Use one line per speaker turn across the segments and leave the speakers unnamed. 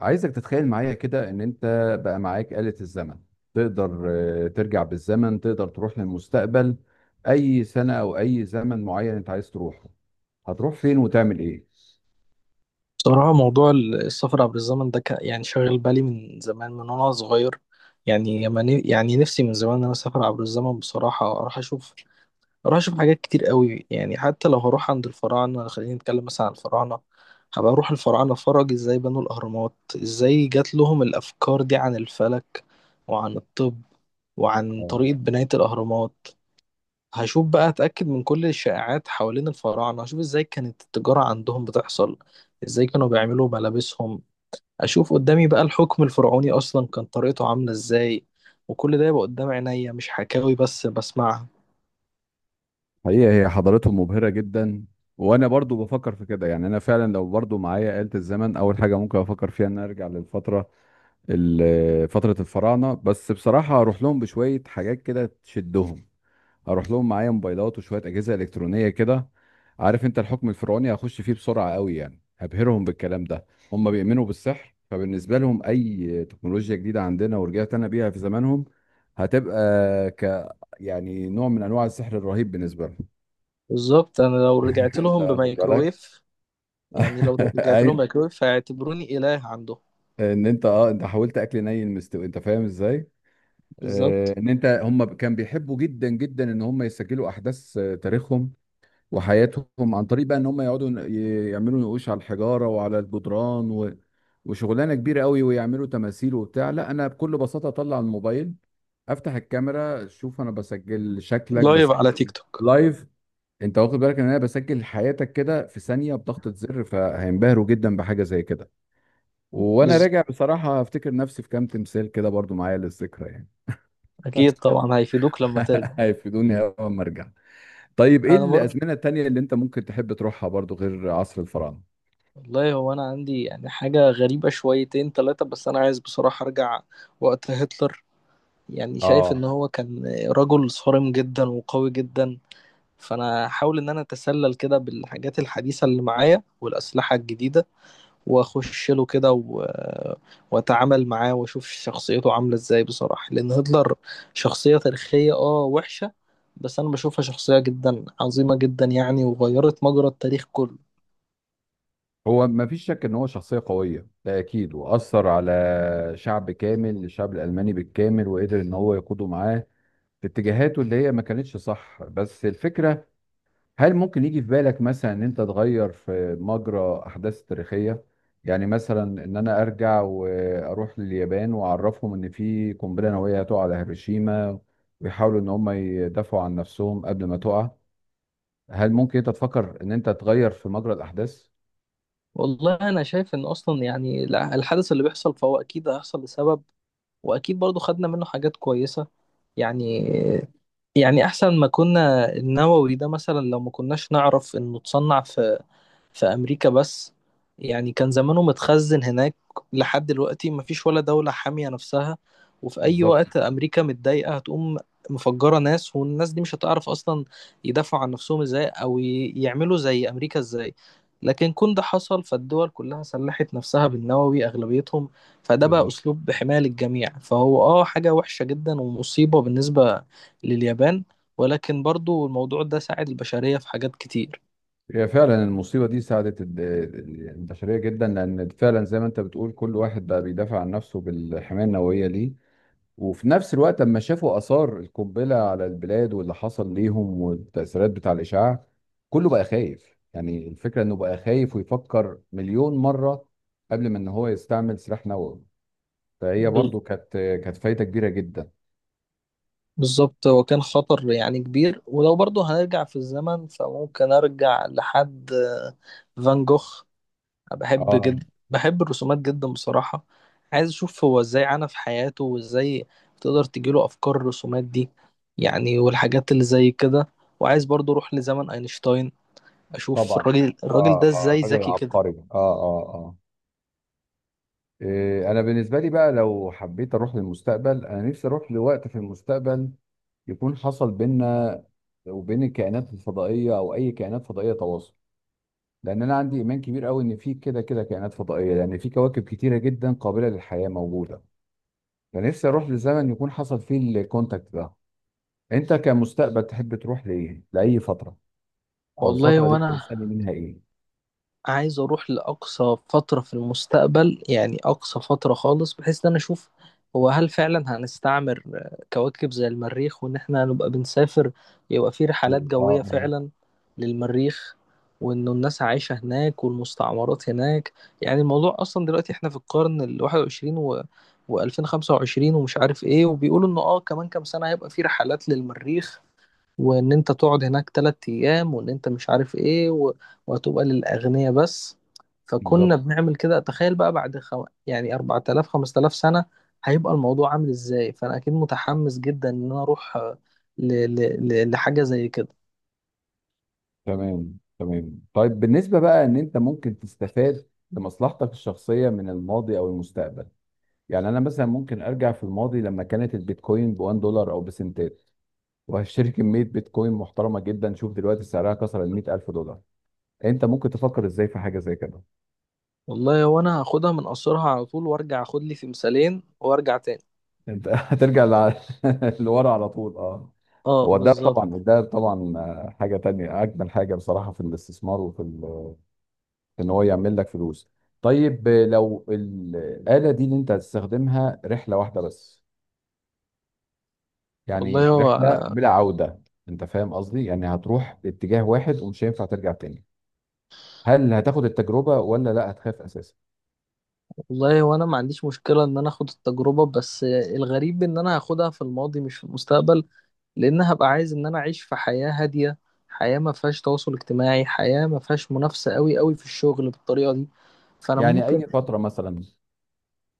عايزك تتخيل معايا كده ان انت بقى معاك آلة الزمن. تقدر ترجع بالزمن، تقدر تروح للمستقبل. اي سنة او اي زمن معين انت عايز تروحه، هتروح فين وتعمل ايه؟
بصراحة، موضوع السفر عبر الزمن ده كان يعني شاغل بالي من زمان من وأنا صغير. يعني لما يعني نفسي من زمان إن أنا أسافر عبر الزمن. بصراحة أروح أشوف حاجات كتير قوي. يعني حتى لو هروح عند الفراعنة، خلينا نتكلم مثلا عن الفراعنة. هبقى أروح الفراعنة أتفرج إزاي بنوا الأهرامات، إزاي جات لهم الأفكار دي عن الفلك وعن الطب وعن
آه،
طريقة بناية الأهرامات. هشوف بقى، هتأكد من كل الشائعات حوالين الفراعنة. هشوف ازاي كانت التجارة عندهم بتحصل، ازاي كانوا بيعملوا ملابسهم. اشوف قدامي بقى الحكم الفرعوني اصلا كان طريقته عاملة ازاي، وكل ده يبقى قدام عينيا مش حكاوي بس بسمعها.
حقيقة هي حضارتهم مبهرة جدا، وانا برضو بفكر في كده. يعني انا فعلا لو برضو معايا آلة الزمن، اول حاجة ممكن افكر فيها ان أنا ارجع للفترة، فترة الفراعنة. بس بصراحة اروح لهم بشوية حاجات كده تشدهم، اروح لهم معايا موبايلات وشويه اجهزه الكترونيه كده. عارف انت الحكم الفرعوني هخش فيه بسرعه قوي، يعني هبهرهم بالكلام ده. هم بيؤمنوا بالسحر، فبالنسبه لهم اي تكنولوجيا جديده عندنا ورجعت انا بيها في زمانهم هتبقى ك يعني نوع من انواع السحر الرهيب بالنسبه لهم.
بالظبط، انا لو رجعت
انت
لهم
واخد بالك؟
بميكرويف، يعني لو رجعت لهم
ايوه.
ميكرويف هيعتبروني إله عندهم.
ان انت اه انت حاولت اكل ني المستوي، انت فاهم ازاي؟
بالظبط.
ان انت هم كان بيحبوا جدا جدا ان هم يسجلوا احداث تاريخهم وحياتهم، عن طريق بقى ان هم يقعدوا يعملوا نقوش على الحجاره وعلى الجدران و... وشغلانه كبيره قوي، ويعملوا تماثيل وبتاع. لا انا بكل بساطه اطلع الموبايل، افتح الكاميرا، شوف انا بسجل شكلك،
لايف
بسجل
على تيك توك.
لايف. انت واخد بالك ان انا بسجل حياتك كده في ثانيه بضغطه زر؟ فهينبهروا جدا بحاجه زي كده. وانا
بز...
راجع بصراحه افتكر نفسي في كام تمثال كده برضو معايا للذكرى يعني.
اكيد طبعا هيفيدوك لما ترجع.
هيفيدوني اول ما ارجع. طيب ايه
انا برضه،
الازمنه التانيه اللي انت ممكن تحب تروحها برضو غير عصر الفراعنه؟
والله هو انا عندي يعني حاجه غريبه شويتين ثلاثه، بس انا عايز بصراحه ارجع وقت هتلر. يعني شايف ان
اه.
هو كان رجل صارم جدا وقوي جدا. فانا هحاول ان انا اتسلل كده بالحاجات الحديثه اللي معايا والاسلحه الجديده واخش له كده. واتعامل معاه واشوف شخصيته عامله ازاي. بصراحه لان هتلر شخصيه تاريخيه اه وحشه، بس انا بشوفها شخصيه جدا عظيمه جدا يعني، وغيرت مجرى التاريخ كله.
هو ما فيش شك ان هو شخصيه قويه ده اكيد، واثر على شعب كامل، الشعب الالماني بالكامل، وقدر ان هو يقوده معاه في اتجاهاته اللي هي ما كانتش صح. بس الفكره، هل ممكن يجي في بالك مثلا ان انت تغير في مجرى احداث تاريخيه؟ يعني مثلا ان انا ارجع واروح لليابان واعرفهم ان في قنبله نوويه هتقع على هيروشيما، ويحاولوا ان هم يدافعوا عن نفسهم قبل ما تقع. هل ممكن انت تفكر ان انت تغير في مجرى الاحداث؟
والله، انا شايف ان اصلا يعني الحدث اللي بيحصل فهو اكيد هيحصل لسبب، واكيد برضو خدنا منه حاجات كويسة. يعني، يعني احسن ما كنا. النووي ده مثلا لو ما كناش نعرف انه اتصنع في في أمريكا بس، يعني كان زمانه متخزن هناك لحد دلوقتي. مفيش ولا دولة حامية نفسها، وفي أي
بالظبط.
وقت أمريكا متضايقة هتقوم مفجرة ناس، والناس دي مش هتعرف أصلا يدافعوا عن نفسهم إزاي، أو يعملوا زي أمريكا إزاي. لكن كون ده حصل فالدول كلها سلحت نفسها بالنووي أغلبيتهم، فده بقى
بالظبط،
أسلوب حماية للجميع. فهو آه حاجة وحشة جدا ومصيبة بالنسبة لليابان، ولكن برضو الموضوع ده ساعد البشرية في حاجات كتير.
هي فعلا المصيبة دي ساعدت البشرية جدا، لأن فعلا زي ما أنت بتقول كل واحد بقى بيدافع عن نفسه بالحماية النووية ليه. وفي نفس الوقت لما شافوا آثار القنبلة على البلاد واللي حصل ليهم والتأثيرات بتاع الإشعاع، كله بقى خايف. يعني الفكرة إنه بقى خايف ويفكر 1,000,000 مرة قبل ما إن هو يستعمل سلاح نووي. فهي برضو كانت فايدة كبيرة جدا.
بالظبط، هو كان خطر يعني كبير. ولو برضه هنرجع في الزمن فممكن ارجع لحد فان جوخ. أنا بحب
اه
جدا، بحب الرسومات جدا بصراحة. عايز اشوف هو ازاي عانى في حياته، وازاي تقدر تجيله افكار الرسومات دي، يعني والحاجات اللي زي كده. وعايز برضه اروح لزمن اينشتاين، اشوف
طبعا،
الراجل، الراجل
اه
ده
اه
ازاي
راجل
ذكي كده.
عبقري، اه اه اه. إيه انا بالنسبه لي بقى، لو حبيت اروح للمستقبل انا نفسي اروح لوقت في المستقبل يكون حصل بينا وبين الكائنات الفضائيه او اي كائنات فضائيه تواصل. لان انا عندي ايمان كبير قوي ان في كده كده كائنات فضائيه، لان في كواكب كتيره جدا قابله للحياه موجوده. فنفسي اروح لزمن يكون حصل فيه الكونتاكت ده. انت كمستقبل تحب تروح لايه؟ لاي فتره؟ او
والله
الفتره اللي انت
وانا
مستني منها ايه؟
عايز اروح لاقصى فتره في المستقبل، يعني اقصى فتره خالص، بحيث ان انا اشوف هو هل فعلا هنستعمر كواكب زي المريخ، وان احنا نبقى بنسافر، يبقى في رحلات
اه،
جويه
آه،
فعلا للمريخ، وانه الناس عايشه هناك والمستعمرات هناك. يعني الموضوع اصلا دلوقتي احنا في القرن ال21 و2025 ومش عارف ايه، وبيقولوا انه اه كمان كام سنه هيبقى في رحلات للمريخ، وان انت تقعد هناك تلات ايام، وان انت مش عارف ايه وهتبقى للاغنياء بس. فكنا
بالظبط.
بنعمل كده، تخيل بقى بعد يعني 4000 5000 سنة هيبقى الموضوع عامل ازاي. فانا اكيد متحمس جدا ان انا اروح ل... لحاجة زي كده.
تمام تمام. طيب بالنسبة بقى ان انت ممكن تستفاد لمصلحتك الشخصية من الماضي او المستقبل، يعني انا مثلا ممكن ارجع في الماضي لما كانت البيتكوين ب 1 دولار او بسنتات، وهشتري كمية بيتكوين محترمة جدا. شوف دلوقتي سعرها كسر ال 100,000 الف دولار. انت ممكن تفكر ازاي في حاجة زي كده؟
والله هو انا هاخدها من قصرها على طول وارجع اخد لي تمثالين وارجع تاني.
انت لورا على طول، اه.
اه
هو ده
بالظبط.
طبعا، ده طبعا حاجة تانية، اجمل حاجة بصراحة في الاستثمار وفي ان هو يعمل لك فلوس. طيب لو الآلة دي اللي انت هتستخدمها رحلة واحدة بس، يعني
والله
رحلة
هو،
بلا عودة، انت فاهم قصدي؟ يعني هتروح باتجاه واحد ومش هينفع ترجع تاني. هل هتاخد التجربة ولا لا هتخاف اساسا؟
والله وانا ما عنديش مشكلة ان انا اخد التجربة، بس الغريب ان انا هاخدها في الماضي مش في المستقبل، لان هبقى عايز ان انا اعيش في حياة هادية، حياة ما فيهاش تواصل اجتماعي، حياة ما فيهاش منافسة قوي قوي في الشغل بالطريقة دي. فانا
يعني
ممكن،
اي فترة مثلا؟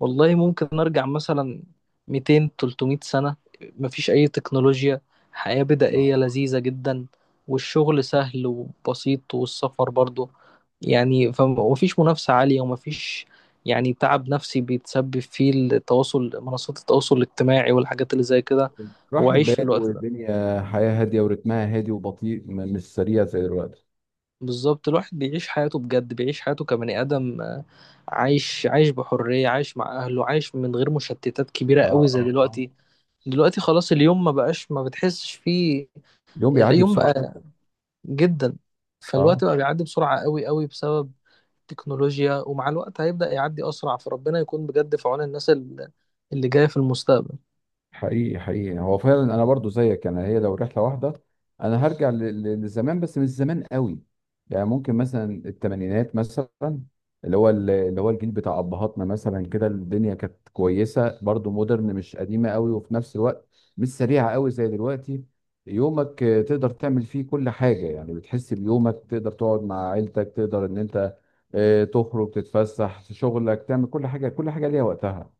والله ممكن نرجع مثلا 200 300 سنة. مفيش أي تكنولوجيا، حياة
آه.
بدائية لذيذة جدا. والشغل سهل وبسيط، والسفر برضو يعني ومفيش منافسة عالية، ومفيش يعني تعب نفسي بيتسبب فيه التواصل، منصات التواصل الاجتماعي والحاجات اللي زي كده. هو
راحت
عايش في
بال،
الوقت ده.
والدنيا حياة هادية ورتمها هادي وبطيء، مش سريع زي دلوقتي.
بالظبط، الواحد بيعيش حياته بجد، بيعيش حياته كبني آدم. عايش بحرية، عايش مع أهله، عايش من غير مشتتات كبيرة
اه
قوي زي
اه اه.
دلوقتي. دلوقتي خلاص اليوم ما بقاش، ما بتحسش فيه.
اليوم بيعدي
اليوم
بسرعة
بقى
جدا.
جدا، فالوقت
اه.
بقى بيعدي بسرعة قوي قوي بسبب التكنولوجيا. ومع الوقت هيبدأ يعدي أسرع. فربنا يكون بجد في عون الناس اللي جاية في المستقبل.
حقيقي حقيقي، هو فعلا انا برضو زيك. انا هي لو رحله واحده انا هرجع لزمان، بس مش زمان قوي. يعني ممكن مثلا 80-ات مثلا، اللي هو اللي هو الجيل بتاع ابهاتنا مثلا، كده الدنيا كانت كويسه برضو، مودرن مش قديمه قوي وفي نفس الوقت مش سريعه قوي زي دلوقتي. يومك تقدر تعمل فيه كل حاجه، يعني بتحس بيومك. تقدر تقعد مع عيلتك، تقدر ان انت تخرج تتفسح، في شغلك تعمل كل حاجه، كل حاجه ليها وقتها،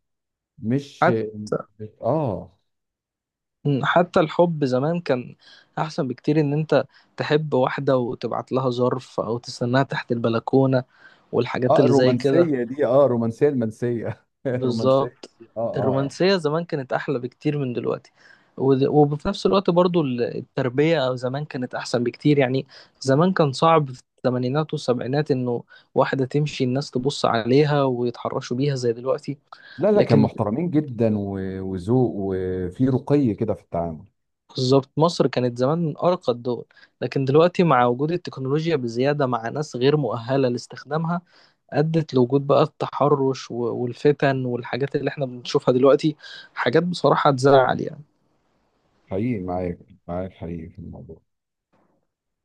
مش.
حتى
اه
حتى الحب زمان كان أحسن بكتير. إن أنت تحب واحدة وتبعت لها ظرف أو تستناها تحت البلكونة، والحاجات
اه،
اللي زي كده.
الرومانسيه دي، اه الرومانسيه المنسيه الرومانسيه
بالظبط،
دي، اه اه
الرومانسية زمان كانت أحلى بكتير من دلوقتي. وفي نفس الوقت برضو التربية أو زمان كانت أحسن بكتير. يعني زمان كان صعب في الثمانينات والسبعينات إنه واحدة تمشي الناس تبص عليها ويتحرشوا بيها زي دلوقتي.
لا لا، كان
لكن
محترمين جدا، وذوق وفي رقي كده في التعامل.
بالظبط، مصر كانت زمان من أرقى الدول. لكن دلوقتي مع وجود التكنولوجيا بزيادة مع ناس غير مؤهلة لاستخدامها، أدت لوجود بقى التحرش والفتن والحاجات اللي احنا بنشوفها دلوقتي. حاجات بصراحة تزعل يعني.
حقيقي معاك، معاك حقيقي في الموضوع.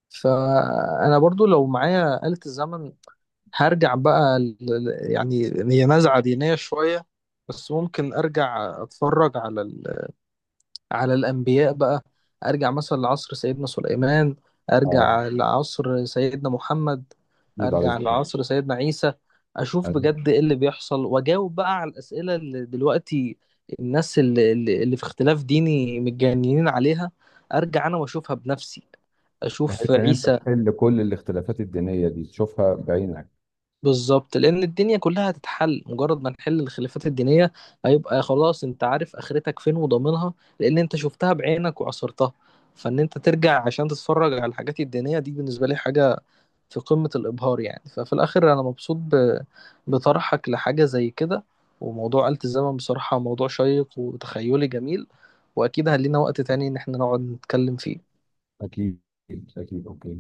فانا برضو لو معايا آلة الزمن، هرجع بقى يعني هي نزعة دينية شوية، بس ممكن ارجع اتفرج على على الانبياء بقى. ارجع مثلا لعصر سيدنا سليمان،
اه
ارجع لعصر سيدنا محمد،
اكيد
ارجع
عليك.
لعصر سيدنا عيسى. اشوف بجد ايه اللي بيحصل، واجاوب بقى على الاسئلة اللي دلوقتي الناس اللي في اختلاف ديني متجننين عليها. ارجع انا واشوفها بنفسي. اشوف
بحيث ان انت
عيسى.
تحل كل الاختلافات الدينيه دي، تشوفها بعينك.
بالظبط، لان الدنيا كلها هتتحل مجرد ما نحل الخلافات الدينيه. هيبقى خلاص انت عارف اخرتك فين وضامنها، لان انت شفتها بعينك وعصرتها. فان انت ترجع عشان تتفرج على الحاجات الدينيه دي، بالنسبه لي حاجه في قمه الابهار. يعني ففي الاخر انا مبسوط بطرحك لحاجه زي كده. وموضوع آلة الزمن بصراحه موضوع شيق وتخيلي جميل، واكيد هلينا وقت تاني ان احنا نقعد نتكلم فيه.
اكيد. اكيد، اوكي.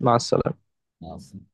مع السلامه.
مع السلامه.